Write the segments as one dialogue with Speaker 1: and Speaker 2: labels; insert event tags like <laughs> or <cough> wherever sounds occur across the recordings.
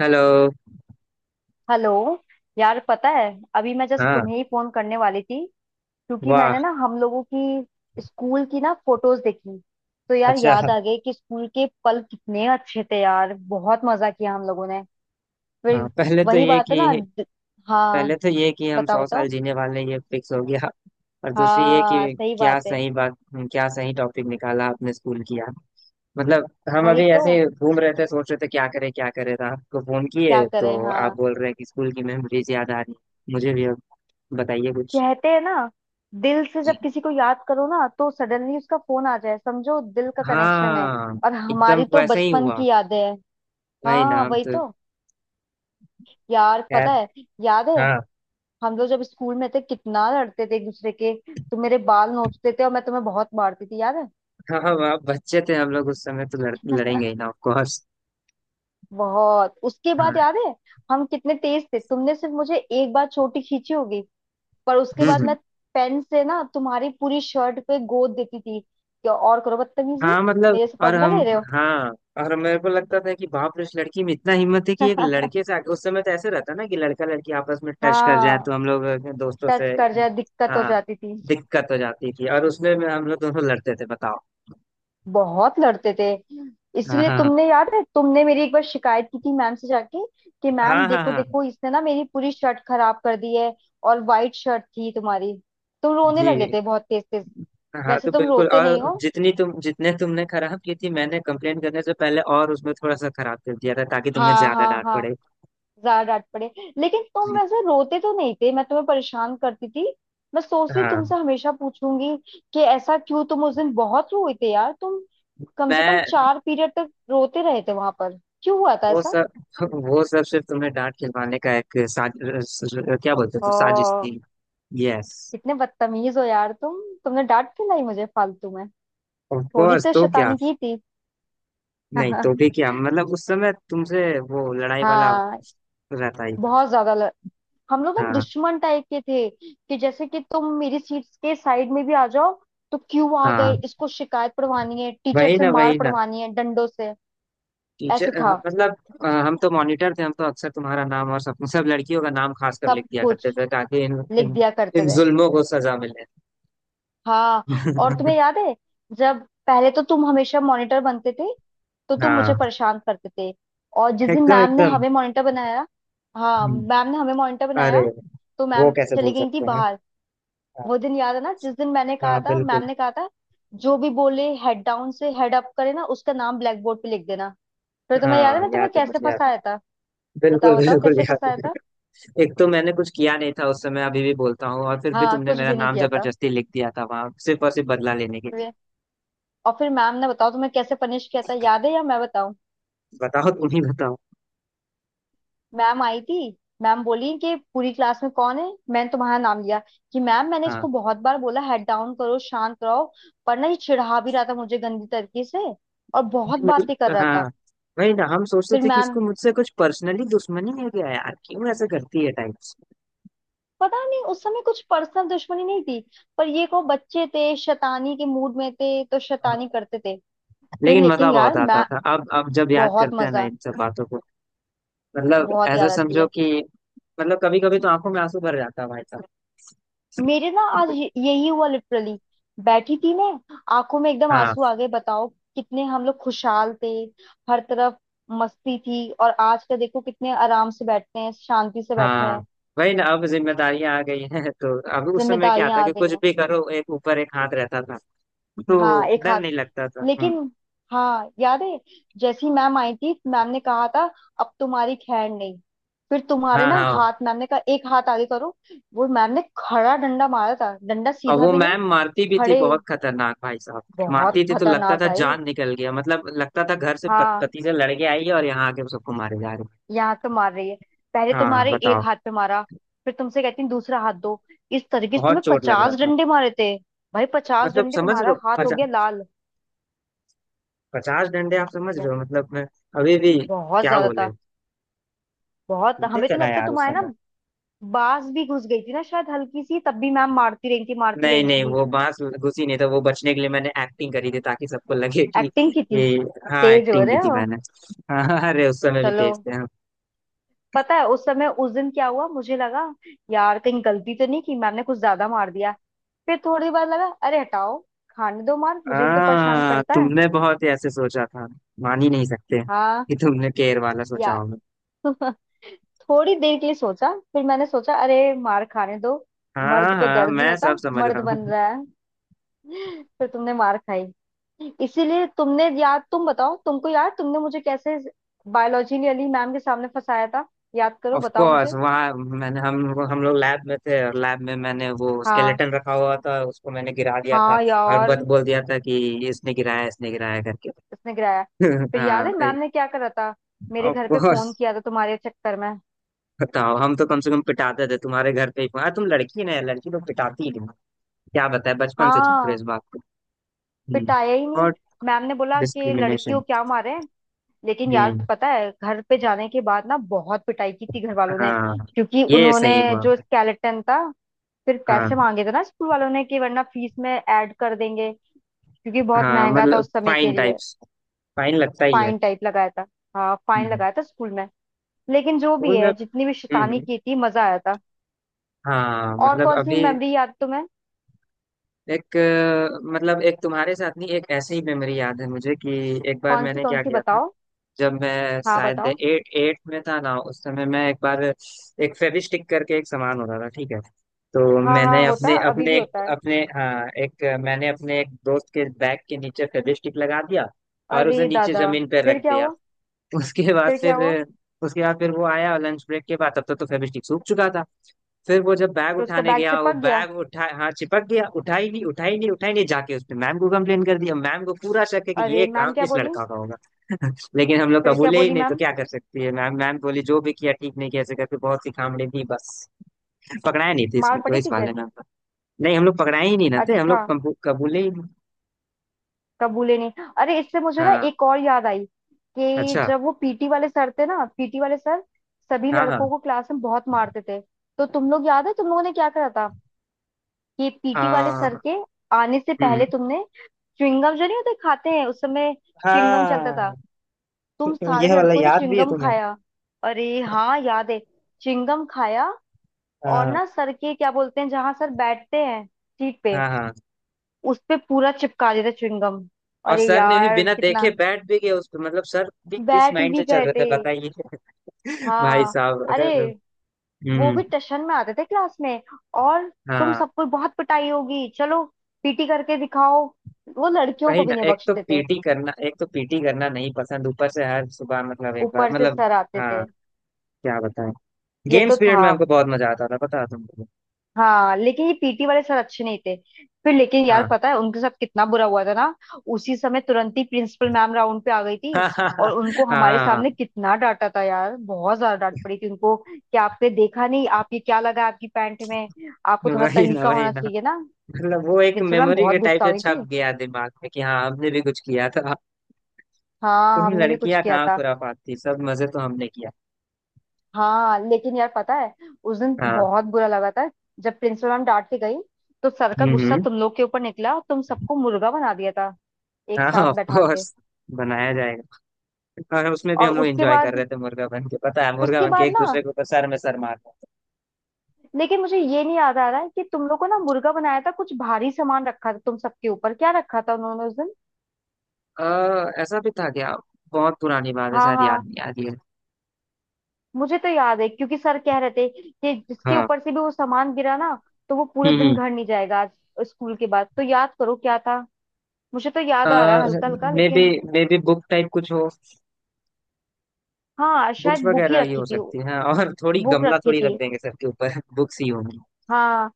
Speaker 1: Hello.
Speaker 2: Hello. यार पता है, अभी मैं जस्ट
Speaker 1: हाँ।
Speaker 2: तुम्हें ही फोन करने वाली थी, क्योंकि
Speaker 1: वाह।
Speaker 2: मैंने ना हम लोगों की स्कूल की ना फोटोज देखी। तो यार
Speaker 1: अच्छा।
Speaker 2: याद आ गए कि स्कूल के पल कितने अच्छे थे यार, बहुत मजा किया हम लोगों ने।
Speaker 1: हाँ।
Speaker 2: फिर
Speaker 1: पहले तो
Speaker 2: वही
Speaker 1: ये
Speaker 2: बात है ना
Speaker 1: कि पहले
Speaker 2: हाँ।
Speaker 1: तो ये कि हम
Speaker 2: बताओ
Speaker 1: 100 साल
Speaker 2: बताओ।
Speaker 1: जीने वाले हैं, ये फिक्स हो गया। और दूसरी ये
Speaker 2: हाँ
Speaker 1: कि।
Speaker 2: सही
Speaker 1: क्या
Speaker 2: बात है।
Speaker 1: सही बात। क्या सही टॉपिक निकाला आपने। स्कूल किया मतलब। हम
Speaker 2: वही
Speaker 1: अभी
Speaker 2: तो,
Speaker 1: ऐसे घूम रहे थे, सोच रहे थे क्या करें क्या करें, तो आपको फोन
Speaker 2: क्या
Speaker 1: किए
Speaker 2: करें
Speaker 1: तो। आप
Speaker 2: हाँ।
Speaker 1: बोल रहे हैं कि स्कूल की मेमोरीज याद आ रही है। मुझे भी अब बताइए कुछ।
Speaker 2: कहते हैं ना, दिल से जब किसी को याद करो ना तो सडनली उसका फोन आ जाए, समझो दिल का कनेक्शन है।
Speaker 1: हाँ,
Speaker 2: और
Speaker 1: एकदम
Speaker 2: हमारी तो
Speaker 1: वैसे ही
Speaker 2: बचपन
Speaker 1: हुआ।
Speaker 2: की यादें हैं।
Speaker 1: वही
Speaker 2: हाँ
Speaker 1: ना, हम
Speaker 2: वही
Speaker 1: तो।
Speaker 2: तो। यार
Speaker 1: खैर।
Speaker 2: पता है, याद है
Speaker 1: हाँ,
Speaker 2: हम लोग जब स्कूल में थे कितना लड़ते थे एक दूसरे के, तुम मेरे बाल नोचते थे और मैं तुम्हें बहुत मारती थी, याद है।
Speaker 1: हाँ। हम आप बच्चे थे, हम लोग उस समय तो लड़ेंगे ही ना, ऑफ कोर्स।
Speaker 2: <laughs> बहुत। उसके बाद याद है हम कितने तेज थे, तुमने सिर्फ मुझे एक बार चोटी खींची होगी, पर उसके
Speaker 1: हम्म,
Speaker 2: बाद मैं पेन से ना तुम्हारी पूरी शर्ट पे गोद देती थी। क्या और करो बदतमीजी,
Speaker 1: हाँ मतलब।
Speaker 2: मेरे से
Speaker 1: और
Speaker 2: पंगा
Speaker 1: हम।
Speaker 2: ले रहे हो।
Speaker 1: हाँ। और मेरे को लगता था कि बाप रे, उस लड़की में इतना हिम्मत है कि एक लड़के
Speaker 2: <laughs>
Speaker 1: से आके, उस समय तो ऐसे रहता ना कि लड़का लड़की आपस में टच कर जाए,
Speaker 2: हाँ,
Speaker 1: तो हम लोग अपने दोस्तों से।
Speaker 2: टच कर जाए दिक्कत हो
Speaker 1: हाँ।
Speaker 2: जाती थी।
Speaker 1: दिक्कत हो जाती थी, और उसमें में हम लोग दोनों लड़ते थे, बताओ।
Speaker 2: बहुत लड़ते थे।
Speaker 1: हाँ,
Speaker 2: इसीलिए
Speaker 1: हाँ,
Speaker 2: तुमने, याद है तुमने मेरी एक बार शिकायत की थी मैम से जाके, कि
Speaker 1: हाँ,
Speaker 2: मैम
Speaker 1: हाँ, हाँ,
Speaker 2: देखो
Speaker 1: हाँ।
Speaker 2: देखो इसने ना मेरी पूरी शर्ट खराब कर दी है। और वाइट शर्ट थी तुम्हारी, तुम रोने लगे
Speaker 1: जी।
Speaker 2: थे बहुत तेज तेज।
Speaker 1: हाँ
Speaker 2: वैसे
Speaker 1: तो
Speaker 2: तुम
Speaker 1: बिल्कुल।
Speaker 2: रोते नहीं
Speaker 1: और
Speaker 2: हो।
Speaker 1: जितनी तुम जितने तुमने खराब की थी मैंने कंप्लेन करने से पहले, और उसमें थोड़ा सा खराब कर दिया था ताकि तुम्हें
Speaker 2: हाँ
Speaker 1: ज्यादा
Speaker 2: हाँ
Speaker 1: डांट
Speaker 2: हाँ,
Speaker 1: पड़े।
Speaker 2: ज्यादा डांट पड़े। लेकिन तुम वैसे रोते तो नहीं थे, मैं तुम्हें परेशान करती थी। मैं सोचती
Speaker 1: हाँ।
Speaker 2: तुमसे हमेशा पूछूंगी कि ऐसा क्यों, तुम उस दिन बहुत रोए थे यार तुम, कम से कम
Speaker 1: मैं।
Speaker 2: चार पीरियड तक रोते रहे थे वहां पर। क्यों हुआ था
Speaker 1: वो
Speaker 2: ऐसा।
Speaker 1: सब वो सब सिर्फ तुम्हें डांट खिलवाने का एक साज। क्या बोलते
Speaker 2: ओ,
Speaker 1: हो, साजिश थी। यस।
Speaker 2: कितने बदतमीज हो यार तुम। तुमने डांट क्यों लाई मुझे फालतू में।
Speaker 1: ऑफ
Speaker 2: थोड़ी
Speaker 1: कोर्स,
Speaker 2: तो
Speaker 1: तो क्या।
Speaker 2: शैतानी की थी।
Speaker 1: नहीं तो भी
Speaker 2: <laughs>
Speaker 1: क्या मतलब, उस समय तुमसे वो लड़ाई वाला
Speaker 2: हाँ,
Speaker 1: रहता ही था।
Speaker 2: बहुत ज्यादा हम लोग ना
Speaker 1: हाँ,
Speaker 2: दुश्मन टाइप के थे, कि जैसे कि तुम मेरी सीट के साइड में भी आ जाओ तो क्यों आ गए,
Speaker 1: हाँ।
Speaker 2: इसको शिकायत पढ़वानी है टीचर
Speaker 1: वही
Speaker 2: से,
Speaker 1: ना,
Speaker 2: मार
Speaker 1: वही ना।
Speaker 2: पढ़वानी है डंडों से। ऐसे
Speaker 1: टीचर
Speaker 2: था।
Speaker 1: मतलब। हम तो मॉनिटर थे, हम तो अक्सर तुम्हारा नाम और सब सब लड़कियों का नाम खास कर
Speaker 2: सब
Speaker 1: लिख दिया
Speaker 2: कुछ
Speaker 1: करते थे, ताकि इन
Speaker 2: लिख
Speaker 1: इन
Speaker 2: दिया करते
Speaker 1: इन
Speaker 2: थे।
Speaker 1: जुल्मों को सजा मिले।
Speaker 2: हाँ और तुम्हें
Speaker 1: <laughs>
Speaker 2: याद है जब, पहले तो तुम हमेशा मॉनिटर बनते थे तो तुम मुझे
Speaker 1: हाँ,
Speaker 2: परेशान करते थे। और जिस दिन
Speaker 1: एकदम
Speaker 2: मैम ने
Speaker 1: एकदम।
Speaker 2: हमें मॉनिटर बनाया, हाँ
Speaker 1: हम्म,
Speaker 2: मैम ने हमें मॉनिटर
Speaker 1: अरे
Speaker 2: बनाया, तो
Speaker 1: वो
Speaker 2: मैम
Speaker 1: कैसे
Speaker 2: चली
Speaker 1: भूल
Speaker 2: गई थी
Speaker 1: सकते हैं।
Speaker 2: बाहर।
Speaker 1: हाँ।
Speaker 2: वो दिन याद है ना, जिस दिन मैंने कहा
Speaker 1: हाँ,
Speaker 2: था,
Speaker 1: बिल्कुल।
Speaker 2: मैम ने कहा था, जो भी बोले हेड डाउन से हेड अप करे ना उसका नाम ब्लैक बोर्ड पे लिख देना। फिर तुम्हें याद है
Speaker 1: हाँ,
Speaker 2: मैं
Speaker 1: याद
Speaker 2: तुम्हें
Speaker 1: है,
Speaker 2: कैसे
Speaker 1: मुझे याद है,
Speaker 2: फंसाया था।
Speaker 1: बिल्कुल
Speaker 2: बताओ बताओ
Speaker 1: बिल्कुल
Speaker 2: कैसे
Speaker 1: याद
Speaker 2: फंसाया था।
Speaker 1: है। <laughs> एक तो मैंने कुछ किया नहीं था उस समय, अभी भी बोलता हूँ, और फिर भी
Speaker 2: हाँ,
Speaker 1: तुमने
Speaker 2: कुछ
Speaker 1: मेरा
Speaker 2: भी नहीं
Speaker 1: नाम
Speaker 2: किया था।
Speaker 1: जबरदस्ती लिख दिया था वहां, सिर्फ और सिर्फ बदला लेने के लिए।
Speaker 2: वे- और फिर मैम ने, बताओ तुम्हें कैसे पनिश किया था, याद है या मैं बताऊं।
Speaker 1: बताओ, तुम ही बताओ।
Speaker 2: मैम आई थी, मैम बोली कि पूरी क्लास में कौन है। मैंने तुम्हारा नाम लिया कि मैम मैंने
Speaker 1: हाँ।
Speaker 2: इसको बहुत बार बोला हेड डाउन करो शांत रहो, पर ना ये चिढ़ा भी रहा था मुझे गंदी तरीके से और बहुत
Speaker 1: नहीं,
Speaker 2: बातें कर
Speaker 1: मतलब
Speaker 2: रहा
Speaker 1: हाँ।
Speaker 2: था।
Speaker 1: वही ना, हम सोचते
Speaker 2: फिर
Speaker 1: थे कि
Speaker 2: मैम,
Speaker 1: इसको मुझसे कुछ पर्सनली दुश्मनी है क्या यार, क्यों ऐसा करती है टाइप से।
Speaker 2: पता नहीं उस समय कुछ पर्सनल दुश्मनी नहीं थी, पर ये को बच्चे थे, शैतानी के मूड में थे तो
Speaker 1: हाँ,
Speaker 2: शैतानी करते थे। फिर
Speaker 1: लेकिन मजा
Speaker 2: लेकिन यार
Speaker 1: बहुत आता
Speaker 2: मैं,
Speaker 1: था, अब जब याद
Speaker 2: बहुत
Speaker 1: करते हैं ना
Speaker 2: मजा,
Speaker 1: इन सब बातों को। मतलब
Speaker 2: बहुत
Speaker 1: ऐसा
Speaker 2: याद आती
Speaker 1: समझो
Speaker 2: है।
Speaker 1: कि, मतलब कभी कभी तो आंखों में आंसू भर जाता है भाई साहब।
Speaker 2: मेरे ना आज यही हुआ लिटरली, बैठी थी मैं, आंखों में एकदम
Speaker 1: हाँ,
Speaker 2: आंसू आ गए, बताओ। कितने हम लोग खुशहाल थे, हर तरफ मस्ती थी। और आज का देखो, कितने आराम से बैठते हैं, शांति से बैठे
Speaker 1: हाँ।
Speaker 2: हैं।
Speaker 1: वही ना, अब जिम्मेदारियां आ गई हैं, तो अब, उस समय क्या
Speaker 2: जिम्मेदारियां
Speaker 1: था
Speaker 2: आ
Speaker 1: कि
Speaker 2: गई
Speaker 1: कुछ
Speaker 2: हैं।
Speaker 1: भी करो एक ऊपर एक हाथ रहता था। तो
Speaker 2: हाँ, एक
Speaker 1: डर
Speaker 2: हाथ,
Speaker 1: नहीं लगता था।
Speaker 2: लेकिन। हाँ याद है, जैसी मैम आई थी, मैम ने कहा था अब तुम्हारी खैर नहीं। फिर तुम्हारे
Speaker 1: हाँ,
Speaker 2: ना
Speaker 1: हाँ।
Speaker 2: हाथ, मैम ने कहा एक हाथ आगे करो। वो मैम ने खड़ा डंडा मारा था, डंडा
Speaker 1: और
Speaker 2: सीधा
Speaker 1: वो
Speaker 2: भी नहीं,
Speaker 1: मैम मारती भी थी,
Speaker 2: खड़े।
Speaker 1: बहुत खतरनाक भाई साहब।
Speaker 2: बहुत
Speaker 1: मारती थी तो लगता
Speaker 2: खतरनाक
Speaker 1: था
Speaker 2: भाई।
Speaker 1: जान निकल गया, मतलब लगता था घर से
Speaker 2: हाँ,
Speaker 1: पति से लड़ के आई है और यहाँ आके सबको मारे जा रही
Speaker 2: यहाँ पे मार रही है। पहले
Speaker 1: है। हाँ,
Speaker 2: तुम्हारे
Speaker 1: बताओ।
Speaker 2: एक हाथ पे मारा, फिर तुमसे कहती है दूसरा हाथ दो। इस तरीके से
Speaker 1: बहुत
Speaker 2: तुम्हें
Speaker 1: चोट लग रहा
Speaker 2: पचास
Speaker 1: था।
Speaker 2: डंडे मारे थे। भाई पचास
Speaker 1: मतलब
Speaker 2: डंडे,
Speaker 1: समझ रहे
Speaker 2: तुम्हारा
Speaker 1: हो,
Speaker 2: हाथ हो गया लाल।
Speaker 1: 50 डंडे आप समझ रहे
Speaker 2: ब-
Speaker 1: हो मतलब, मैं। अभी भी,
Speaker 2: बहुत
Speaker 1: क्या
Speaker 2: ज्यादा
Speaker 1: बोले।
Speaker 2: था। बहुत,
Speaker 1: मुझे
Speaker 2: हमें तो
Speaker 1: चला
Speaker 2: लगता है
Speaker 1: यार उस
Speaker 2: तुम्हारे ना
Speaker 1: समय।
Speaker 2: बाज भी घुस गई थी ना शायद हल्की सी, तब भी मैम मारती रही थी, मारती
Speaker 1: नहीं,
Speaker 2: रही
Speaker 1: नहीं,
Speaker 2: थी।
Speaker 1: वो बांस घुसी नहीं था, वो बचने के लिए मैंने एक्टिंग करी थी ताकि सबको लगे कि
Speaker 2: एक्टिंग की थी।
Speaker 1: ये। हाँ,
Speaker 2: तेज हो
Speaker 1: एक्टिंग
Speaker 2: रहे
Speaker 1: की थी
Speaker 2: हो।
Speaker 1: मैंने। <laughs> हाँ, अरे उस समय भी
Speaker 2: चलो,
Speaker 1: तेज थे हम।
Speaker 2: पता है उस समय, उस दिन क्या हुआ, मुझे लगा यार कहीं गलती तो नहीं की, मैम ने कुछ ज्यादा मार दिया। फिर थोड़ी बार लगा, अरे हटाओ, खाने दो मार, मुझे भी तो परेशान
Speaker 1: हाँ,
Speaker 2: करता है।
Speaker 1: तुमने बहुत ही ऐसे सोचा था, मान ही नहीं सकते
Speaker 2: हाँ
Speaker 1: कि तुमने केयर वाला सोचा
Speaker 2: या।
Speaker 1: होगा।
Speaker 2: <laughs> थोड़ी देर के लिए सोचा, फिर मैंने सोचा अरे मार खाने दो,
Speaker 1: हाँ,
Speaker 2: मर्द को
Speaker 1: हाँ,
Speaker 2: दर्द नहीं
Speaker 1: मैं
Speaker 2: होता,
Speaker 1: सब समझ
Speaker 2: मर्द
Speaker 1: रहा
Speaker 2: बन
Speaker 1: हूँ।
Speaker 2: रहा है। <laughs> फिर तुमने मार खाई। इसीलिए तुमने याद, तुम बताओ, तुमको याद तुमने मुझे कैसे बायोलॉजी अली मैम के सामने फंसाया था, याद करो
Speaker 1: ऑफ
Speaker 2: बताओ
Speaker 1: कोर्स,
Speaker 2: मुझे।
Speaker 1: वहाँ मैंने, हम लोग लैब में थे, और लैब में मैंने वो
Speaker 2: हाँ
Speaker 1: स्केलेटन रखा हुआ था, उसको मैंने गिरा दिया था।
Speaker 2: हाँ
Speaker 1: और
Speaker 2: यार,
Speaker 1: बत बोल दिया था कि इसने गिराया, इसने गिराया करके।
Speaker 2: उसने गिराया।
Speaker 1: <laughs>
Speaker 2: फिर याद
Speaker 1: हाँ,
Speaker 2: है मैम ने क्या करा था, मेरे
Speaker 1: ऑफ
Speaker 2: घर पे
Speaker 1: कोर्स।
Speaker 2: फोन किया था तुम्हारे चक्कर में।
Speaker 1: बताओ, हम तो कम से कम पिटाते थे तुम्हारे घर पे ही, अरे तुम लड़की, ना लड़की तो पिटाती ही नहीं। क्या बताए, बचपन से चुप रहे इस
Speaker 2: हाँ,
Speaker 1: बात को। हम्म,
Speaker 2: पिटाया ही नहीं,
Speaker 1: और।
Speaker 2: मैम ने बोला कि लड़कियों
Speaker 1: डिस्क्रिमिनेशन।
Speaker 2: क्या मारे। लेकिन यार
Speaker 1: हम्म,
Speaker 2: पता है घर पे जाने के बाद ना बहुत पिटाई की थी घर वालों ने,
Speaker 1: हाँ,
Speaker 2: क्योंकि
Speaker 1: ये
Speaker 2: उन्होंने
Speaker 1: सही हुआ
Speaker 2: जो
Speaker 1: भाई।
Speaker 2: स्केलेटन था, फिर पैसे
Speaker 1: हाँ,
Speaker 2: मांगे थे ना स्कूल वालों ने, कि वरना फीस में ऐड कर देंगे, क्योंकि बहुत
Speaker 1: हाँ
Speaker 2: महंगा था
Speaker 1: मतलब
Speaker 2: उस समय के
Speaker 1: फाइन
Speaker 2: लिए।
Speaker 1: टाइप्स, फाइन लगता ही है।
Speaker 2: फाइन टाइप लगाया था, हाँ फाइन
Speaker 1: हम्म।
Speaker 2: लगाया था स्कूल में। लेकिन जो भी
Speaker 1: स्कूल में।
Speaker 2: है, जितनी भी
Speaker 1: हम्म,
Speaker 2: शैतानी की थी, मजा आया था।
Speaker 1: हाँ
Speaker 2: और
Speaker 1: मतलब
Speaker 2: कौन सी
Speaker 1: अभी।
Speaker 2: मेमोरी याद तुम्हें।
Speaker 1: एक, मतलब एक तुम्हारे साथ नहीं, एक ऐसी ही मेमोरी याद है मुझे कि, एक बार मैंने
Speaker 2: कौन
Speaker 1: क्या
Speaker 2: सी
Speaker 1: किया था।
Speaker 2: बताओ।
Speaker 1: जब मैं
Speaker 2: हाँ
Speaker 1: शायद
Speaker 2: बताओ।
Speaker 1: एट एट में था ना, उस समय मैं एक बार, एक फेविस्टिक करके, एक सामान होता था ठीक है। तो
Speaker 2: हाँ हाँ
Speaker 1: मैंने
Speaker 2: होता
Speaker 1: अपने
Speaker 2: है, अभी भी
Speaker 1: अपने एक
Speaker 2: होता है।
Speaker 1: अपने, हाँ, एक मैंने अपने एक दोस्त के बैग के नीचे फेविस्टिक लगा दिया, और उसे
Speaker 2: अरे
Speaker 1: नीचे
Speaker 2: दादा,
Speaker 1: जमीन पर
Speaker 2: फिर
Speaker 1: रख
Speaker 2: क्या
Speaker 1: दिया।
Speaker 2: हुआ।
Speaker 1: उसके बाद
Speaker 2: फिर क्या
Speaker 1: फिर
Speaker 2: हुआ।
Speaker 1: उसके बाद फिर वो आया लंच ब्रेक के बाद, तब तक तो फेविस्टिक सूख चुका था। फिर वो जब बैग
Speaker 2: फिर उसका
Speaker 1: उठाने
Speaker 2: बैग
Speaker 1: गया, वो
Speaker 2: चिपक गया।
Speaker 1: बैग उठा, हाँ, चिपक गया, उठा ही नहीं, उठा ही नहीं, उठा ही नहीं, जाके उसने मैम को कंप्लेन कर दिया। मैम को पूरा शक है कि
Speaker 2: अरे
Speaker 1: ये
Speaker 2: मैम
Speaker 1: काम
Speaker 2: क्या
Speaker 1: इस
Speaker 2: बोली।
Speaker 1: लड़का का होगा। लेकिन हम लोग
Speaker 2: फिर क्या
Speaker 1: कबूले ही
Speaker 2: बोली
Speaker 1: नहीं, तो
Speaker 2: मैम।
Speaker 1: क्या कर सकती है मैम। मैम बोली जो भी किया ठीक नहीं किया, ऐसे करके बहुत सी खामड़ी दी बस। पकड़ाया नहीं थे
Speaker 2: मार
Speaker 1: इसमें, तो
Speaker 2: पड़ी
Speaker 1: इस
Speaker 2: थी फिर।
Speaker 1: वाले में हमको। नहीं, हम लोग पकड़ाए ही नहीं ना थे, हम
Speaker 2: अच्छा,
Speaker 1: लोग कबूले ही नहीं।
Speaker 2: कबूले नहीं। अरे इससे मुझे ना
Speaker 1: हाँ।
Speaker 2: एक और याद आई, कि
Speaker 1: अच्छा।
Speaker 2: जब वो पीटी वाले सर थे ना, पीटी वाले सर सभी
Speaker 1: हाँ, हाँ,
Speaker 2: लड़कों को क्लास में बहुत मारते थे। तो तुम लोग याद है तुम लोगों ने क्या करा था, कि पीटी वाले सर
Speaker 1: हाँ।
Speaker 2: के आने से पहले
Speaker 1: हम्म।
Speaker 2: तुमने च्युइंगम, जो नहीं होते खाते हैं उस समय, च्युइंगम चलता था,
Speaker 1: हाँ, तो-
Speaker 2: तुम
Speaker 1: तो
Speaker 2: सारे
Speaker 1: यह वाला
Speaker 2: लड़कों ने
Speaker 1: याद भी है
Speaker 2: च्युइंगम
Speaker 1: तुम्हें।
Speaker 2: खाया। अरे हाँ याद है, च्युइंगम खाया। और
Speaker 1: हाँ,
Speaker 2: ना सर के क्या बोलते हैं, जहां सर बैठते हैं, सीट पे,
Speaker 1: हाँ, हाँ।
Speaker 2: उस पे पूरा चिपका देता च्युइंगम।
Speaker 1: और
Speaker 2: अरे
Speaker 1: सर ने भी
Speaker 2: यार
Speaker 1: बिना देखे
Speaker 2: कितना,
Speaker 1: बैठ भी गए उस पे, मतलब सर भी किस
Speaker 2: बैठ ही
Speaker 1: माइंड
Speaker 2: भी
Speaker 1: से चल
Speaker 2: गए
Speaker 1: रहे थे
Speaker 2: थे।
Speaker 1: बताइए। <laughs> भाई
Speaker 2: हाँ,
Speaker 1: साहब, अगर।
Speaker 2: अरे वो भी
Speaker 1: हम्म।
Speaker 2: टशन में आते थे क्लास में और तुम
Speaker 1: हाँ,
Speaker 2: सबको बहुत पिटाई होगी, चलो पीटी करके दिखाओ। वो लड़कियों को
Speaker 1: वही
Speaker 2: भी
Speaker 1: ना,
Speaker 2: नहीं
Speaker 1: एक तो
Speaker 2: बख्शते थे।
Speaker 1: पीटी करना एक तो पीटी करना नहीं पसंद, ऊपर से हर सुबह, मतलब एक बार
Speaker 2: ऊपर से
Speaker 1: मतलब।
Speaker 2: सर आते
Speaker 1: हाँ,
Speaker 2: थे।
Speaker 1: क्या बताएं।
Speaker 2: ये तो
Speaker 1: गेम्स पीरियड
Speaker 2: था।
Speaker 1: में हमको बहुत मजा आता था, पता है तुमको।
Speaker 2: हाँ लेकिन ये पीटी वाले सर अच्छे नहीं थे। फिर लेकिन यार
Speaker 1: हाँ।
Speaker 2: पता है उनके साथ कितना बुरा हुआ था ना, उसी समय तुरंत ही प्रिंसिपल मैम राउंड पे आ गई थी, और उनको
Speaker 1: <laughs>
Speaker 2: हमारे
Speaker 1: हाँ,
Speaker 2: सामने कितना डांटा था यार, बहुत ज्यादा डांट पड़ी थी उनको, कि आपने देखा नहीं आप, ये क्या लगा आपकी पैंट में, आपको थोड़ा
Speaker 1: वही ना,
Speaker 2: तरीका
Speaker 1: वही
Speaker 2: होना
Speaker 1: ना।
Speaker 2: चाहिए ना।
Speaker 1: मतलब वो एक
Speaker 2: प्रिंसिपल मैम
Speaker 1: मेमोरी
Speaker 2: बहुत
Speaker 1: के टाइप
Speaker 2: गुस्सा
Speaker 1: से
Speaker 2: हुई
Speaker 1: छप
Speaker 2: थी।
Speaker 1: गया दिमाग में कि हाँ, हमने भी कुछ किया था।
Speaker 2: हाँ
Speaker 1: तुम
Speaker 2: हमने भी कुछ
Speaker 1: लड़कियां
Speaker 2: किया
Speaker 1: कहाँ
Speaker 2: था।
Speaker 1: खुराफात थी, सब मजे तो हमने किया।
Speaker 2: हाँ लेकिन यार पता है उस दिन
Speaker 1: हाँ।
Speaker 2: बहुत बुरा लगा था, जब प्रिंसिपल मैम डांट के गई तो सर का
Speaker 1: हम्म,
Speaker 2: गुस्सा तुम लोग के ऊपर निकला, तुम सबको मुर्गा बना दिया था एक
Speaker 1: हाँ,
Speaker 2: साथ
Speaker 1: ऑफ
Speaker 2: बैठा के।
Speaker 1: कोर्स। बनाया जाएगा। और उसमें भी
Speaker 2: और
Speaker 1: हम लोग
Speaker 2: उसके
Speaker 1: एंजॉय कर
Speaker 2: बाद,
Speaker 1: रहे थे मुर्गा बन के, पता है मुर्गा
Speaker 2: उसके
Speaker 1: बन के
Speaker 2: बाद
Speaker 1: एक
Speaker 2: ना,
Speaker 1: दूसरे के ऊपर सर में सर मार।
Speaker 2: लेकिन मुझे ये नहीं याद आ रहा है कि तुम लोग को ना मुर्गा बनाया था, कुछ भारी सामान रखा था तुम सबके ऊपर, क्या रखा था उन्होंने उस दिन।
Speaker 1: ऐसा भी था क्या। बहुत पुरानी बात है,
Speaker 2: हाँ
Speaker 1: शायद
Speaker 2: हाँ,
Speaker 1: याद नहीं आ रही है।
Speaker 2: मुझे तो याद है क्योंकि सर कह रहे थे कि जिसके
Speaker 1: हाँ।
Speaker 2: ऊपर से भी वो सामान गिरा ना, तो वो पूरे दिन
Speaker 1: हम्म,
Speaker 2: घर नहीं जाएगा आज, स्कूल के बाद तो, याद करो क्या था। मुझे तो याद आ रहा है हल्का हल्का,
Speaker 1: हम्म, मे बी
Speaker 2: लेकिन
Speaker 1: मे बी बुक टाइप कुछ हो।
Speaker 2: हाँ
Speaker 1: बुक्स
Speaker 2: शायद बुक ही
Speaker 1: वगैरह ही
Speaker 2: रखी
Speaker 1: हो
Speaker 2: थी।
Speaker 1: सकती है, और थोड़ी
Speaker 2: बुक
Speaker 1: गमला
Speaker 2: रखी
Speaker 1: थोड़ी रख
Speaker 2: थी
Speaker 1: देंगे सर के ऊपर, बुक्स ही होंगी।
Speaker 2: हाँ।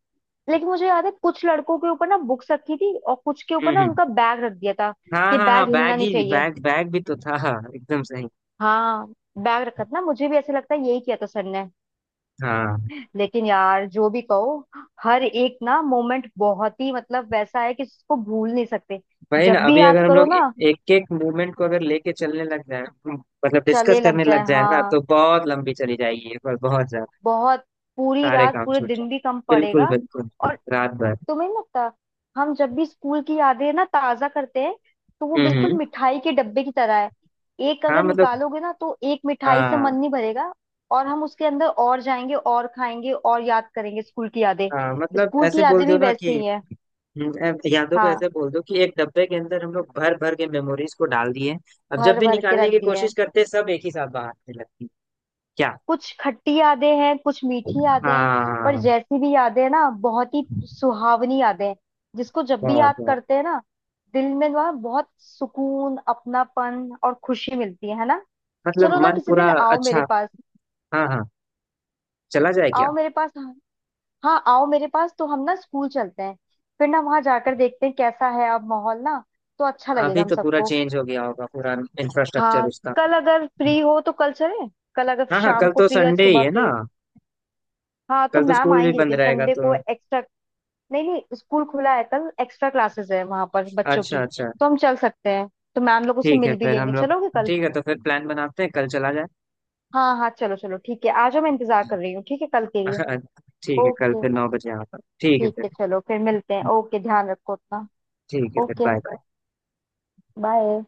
Speaker 2: लेकिन मुझे याद है कुछ लड़कों के ऊपर ना बुक्स रखी थी और कुछ के
Speaker 1: हम्म,
Speaker 2: ऊपर ना उनका बैग रख दिया था,
Speaker 1: हाँ,
Speaker 2: कि
Speaker 1: हाँ, हाँ,
Speaker 2: बैग हिलना
Speaker 1: बैग
Speaker 2: नहीं
Speaker 1: ही
Speaker 2: चाहिए।
Speaker 1: बैग, बैग भी तो था हाँ, एकदम सही।
Speaker 2: हाँ बैग रखा था ना, मुझे भी ऐसे लगता है यही किया था सर ने।
Speaker 1: हाँ,
Speaker 2: लेकिन यार जो भी कहो, हर एक ना मोमेंट बहुत ही मतलब वैसा है कि इसको भूल नहीं सकते।
Speaker 1: वही ना।
Speaker 2: जब भी
Speaker 1: अभी
Speaker 2: याद
Speaker 1: अगर हम
Speaker 2: करो
Speaker 1: लोग
Speaker 2: ना,
Speaker 1: एक एक मूवमेंट को अगर लेके चलने लग जाए, मतलब
Speaker 2: चले
Speaker 1: डिस्कस
Speaker 2: लग
Speaker 1: करने
Speaker 2: जाए
Speaker 1: लग जाए ना, तो
Speaker 2: हाँ,
Speaker 1: बहुत लंबी चली जाएगी ये, पर बहुत ज्यादा।
Speaker 2: बहुत, पूरी
Speaker 1: सारे
Speaker 2: रात
Speaker 1: काम
Speaker 2: पूरे
Speaker 1: छूट
Speaker 2: दिन भी कम
Speaker 1: जाए, बिल्कुल
Speaker 2: पड़ेगा।
Speaker 1: बिल्कुल।
Speaker 2: और
Speaker 1: रात भर।
Speaker 2: तुम्हें नहीं लगता, हम जब भी स्कूल की यादें ना ताजा करते हैं, तो वो
Speaker 1: हम्म,
Speaker 2: बिल्कुल
Speaker 1: हम्म।
Speaker 2: मिठाई के डब्बे की तरह है। एक
Speaker 1: हाँ
Speaker 2: अगर
Speaker 1: मतलब।
Speaker 2: निकालोगे ना तो एक मिठाई से मन
Speaker 1: हाँ,
Speaker 2: नहीं भरेगा, और हम उसके अंदर और जाएंगे और खाएंगे और याद करेंगे स्कूल की यादें।
Speaker 1: हाँ, मतलब
Speaker 2: स्कूल की
Speaker 1: ऐसे बोल
Speaker 2: यादें
Speaker 1: दो
Speaker 2: भी
Speaker 1: ना कि।
Speaker 2: वैसे ही है।
Speaker 1: यादों को
Speaker 2: हाँ,
Speaker 1: ऐसे बोल दो कि, एक डब्बे के अंदर हम लोग भर भर के मेमोरीज को डाल दिए। अब जब
Speaker 2: भर
Speaker 1: भी
Speaker 2: भर के
Speaker 1: निकालने
Speaker 2: रख
Speaker 1: की
Speaker 2: दिए है।
Speaker 1: कोशिश करते, सब एक ही साथ बाहर आने लगती। क्या।
Speaker 2: कुछ खट्टी यादें हैं, कुछ मीठी यादें हैं, पर
Speaker 1: हाँ।
Speaker 2: जैसी भी यादें हैं ना, बहुत ही सुहावनी यादें हैं, जिसको जब भी
Speaker 1: बहुत,
Speaker 2: याद
Speaker 1: बहुत।
Speaker 2: करते हैं ना, दिल में ना बहुत सुकून, अपनापन और खुशी मिलती है ना।
Speaker 1: मतलब
Speaker 2: चलो ना
Speaker 1: मन
Speaker 2: किसी
Speaker 1: पूरा
Speaker 2: दिन आओ मेरे
Speaker 1: अच्छा।
Speaker 2: पास।
Speaker 1: हाँ, हाँ, चला जाए क्या।
Speaker 2: आओ मेरे पास। हाँ आओ मेरे पास तो हम ना स्कूल चलते हैं, फिर ना वहां जाकर देखते हैं कैसा है अब माहौल ना, तो अच्छा लगेगा
Speaker 1: अभी
Speaker 2: हम
Speaker 1: तो पूरा
Speaker 2: सबको।
Speaker 1: चेंज हो गया होगा, पूरा इंफ्रास्ट्रक्चर
Speaker 2: हाँ,
Speaker 1: उसका।
Speaker 2: कल अगर फ्री हो तो कल चले, कल अगर
Speaker 1: हाँ, हाँ,
Speaker 2: शाम
Speaker 1: कल
Speaker 2: को
Speaker 1: तो
Speaker 2: फ्री हो या
Speaker 1: संडे ही
Speaker 2: सुबह
Speaker 1: है ना।
Speaker 2: फ्री हो। हाँ तो
Speaker 1: कल तो
Speaker 2: मैम
Speaker 1: स्कूल भी
Speaker 2: आएंगी
Speaker 1: बंद
Speaker 2: लेकिन
Speaker 1: रहेगा
Speaker 2: संडे
Speaker 1: तो।
Speaker 2: को एक्स्ट्रा। नहीं नहीं स्कूल खुला है, कल एक्स्ट्रा क्लासेस है वहां पर बच्चों
Speaker 1: अच्छा,
Speaker 2: की,
Speaker 1: अच्छा।
Speaker 2: तो हम चल सकते हैं, तो मैम लोग उससे
Speaker 1: ठीक है
Speaker 2: मिल भी
Speaker 1: फिर
Speaker 2: लेंगे,
Speaker 1: हम लोग।
Speaker 2: चलोगे कल।
Speaker 1: ठीक है, तो फिर प्लान बनाते हैं, कल चला जाए।
Speaker 2: हाँ हाँ चलो चलो, ठीक है आ जाओ, मैं इंतजार कर रही हूँ, ठीक है कल के लिए।
Speaker 1: <laughs> हाँ, ठीक है, कल
Speaker 2: ओके,
Speaker 1: फिर 9 बजे यहाँ पर, ठीक है
Speaker 2: ठीक
Speaker 1: फिर।
Speaker 2: है चलो फिर मिलते हैं, ओके ध्यान रखो अपना।
Speaker 1: ठीक है फिर
Speaker 2: ओके,
Speaker 1: बाय।
Speaker 2: बाय।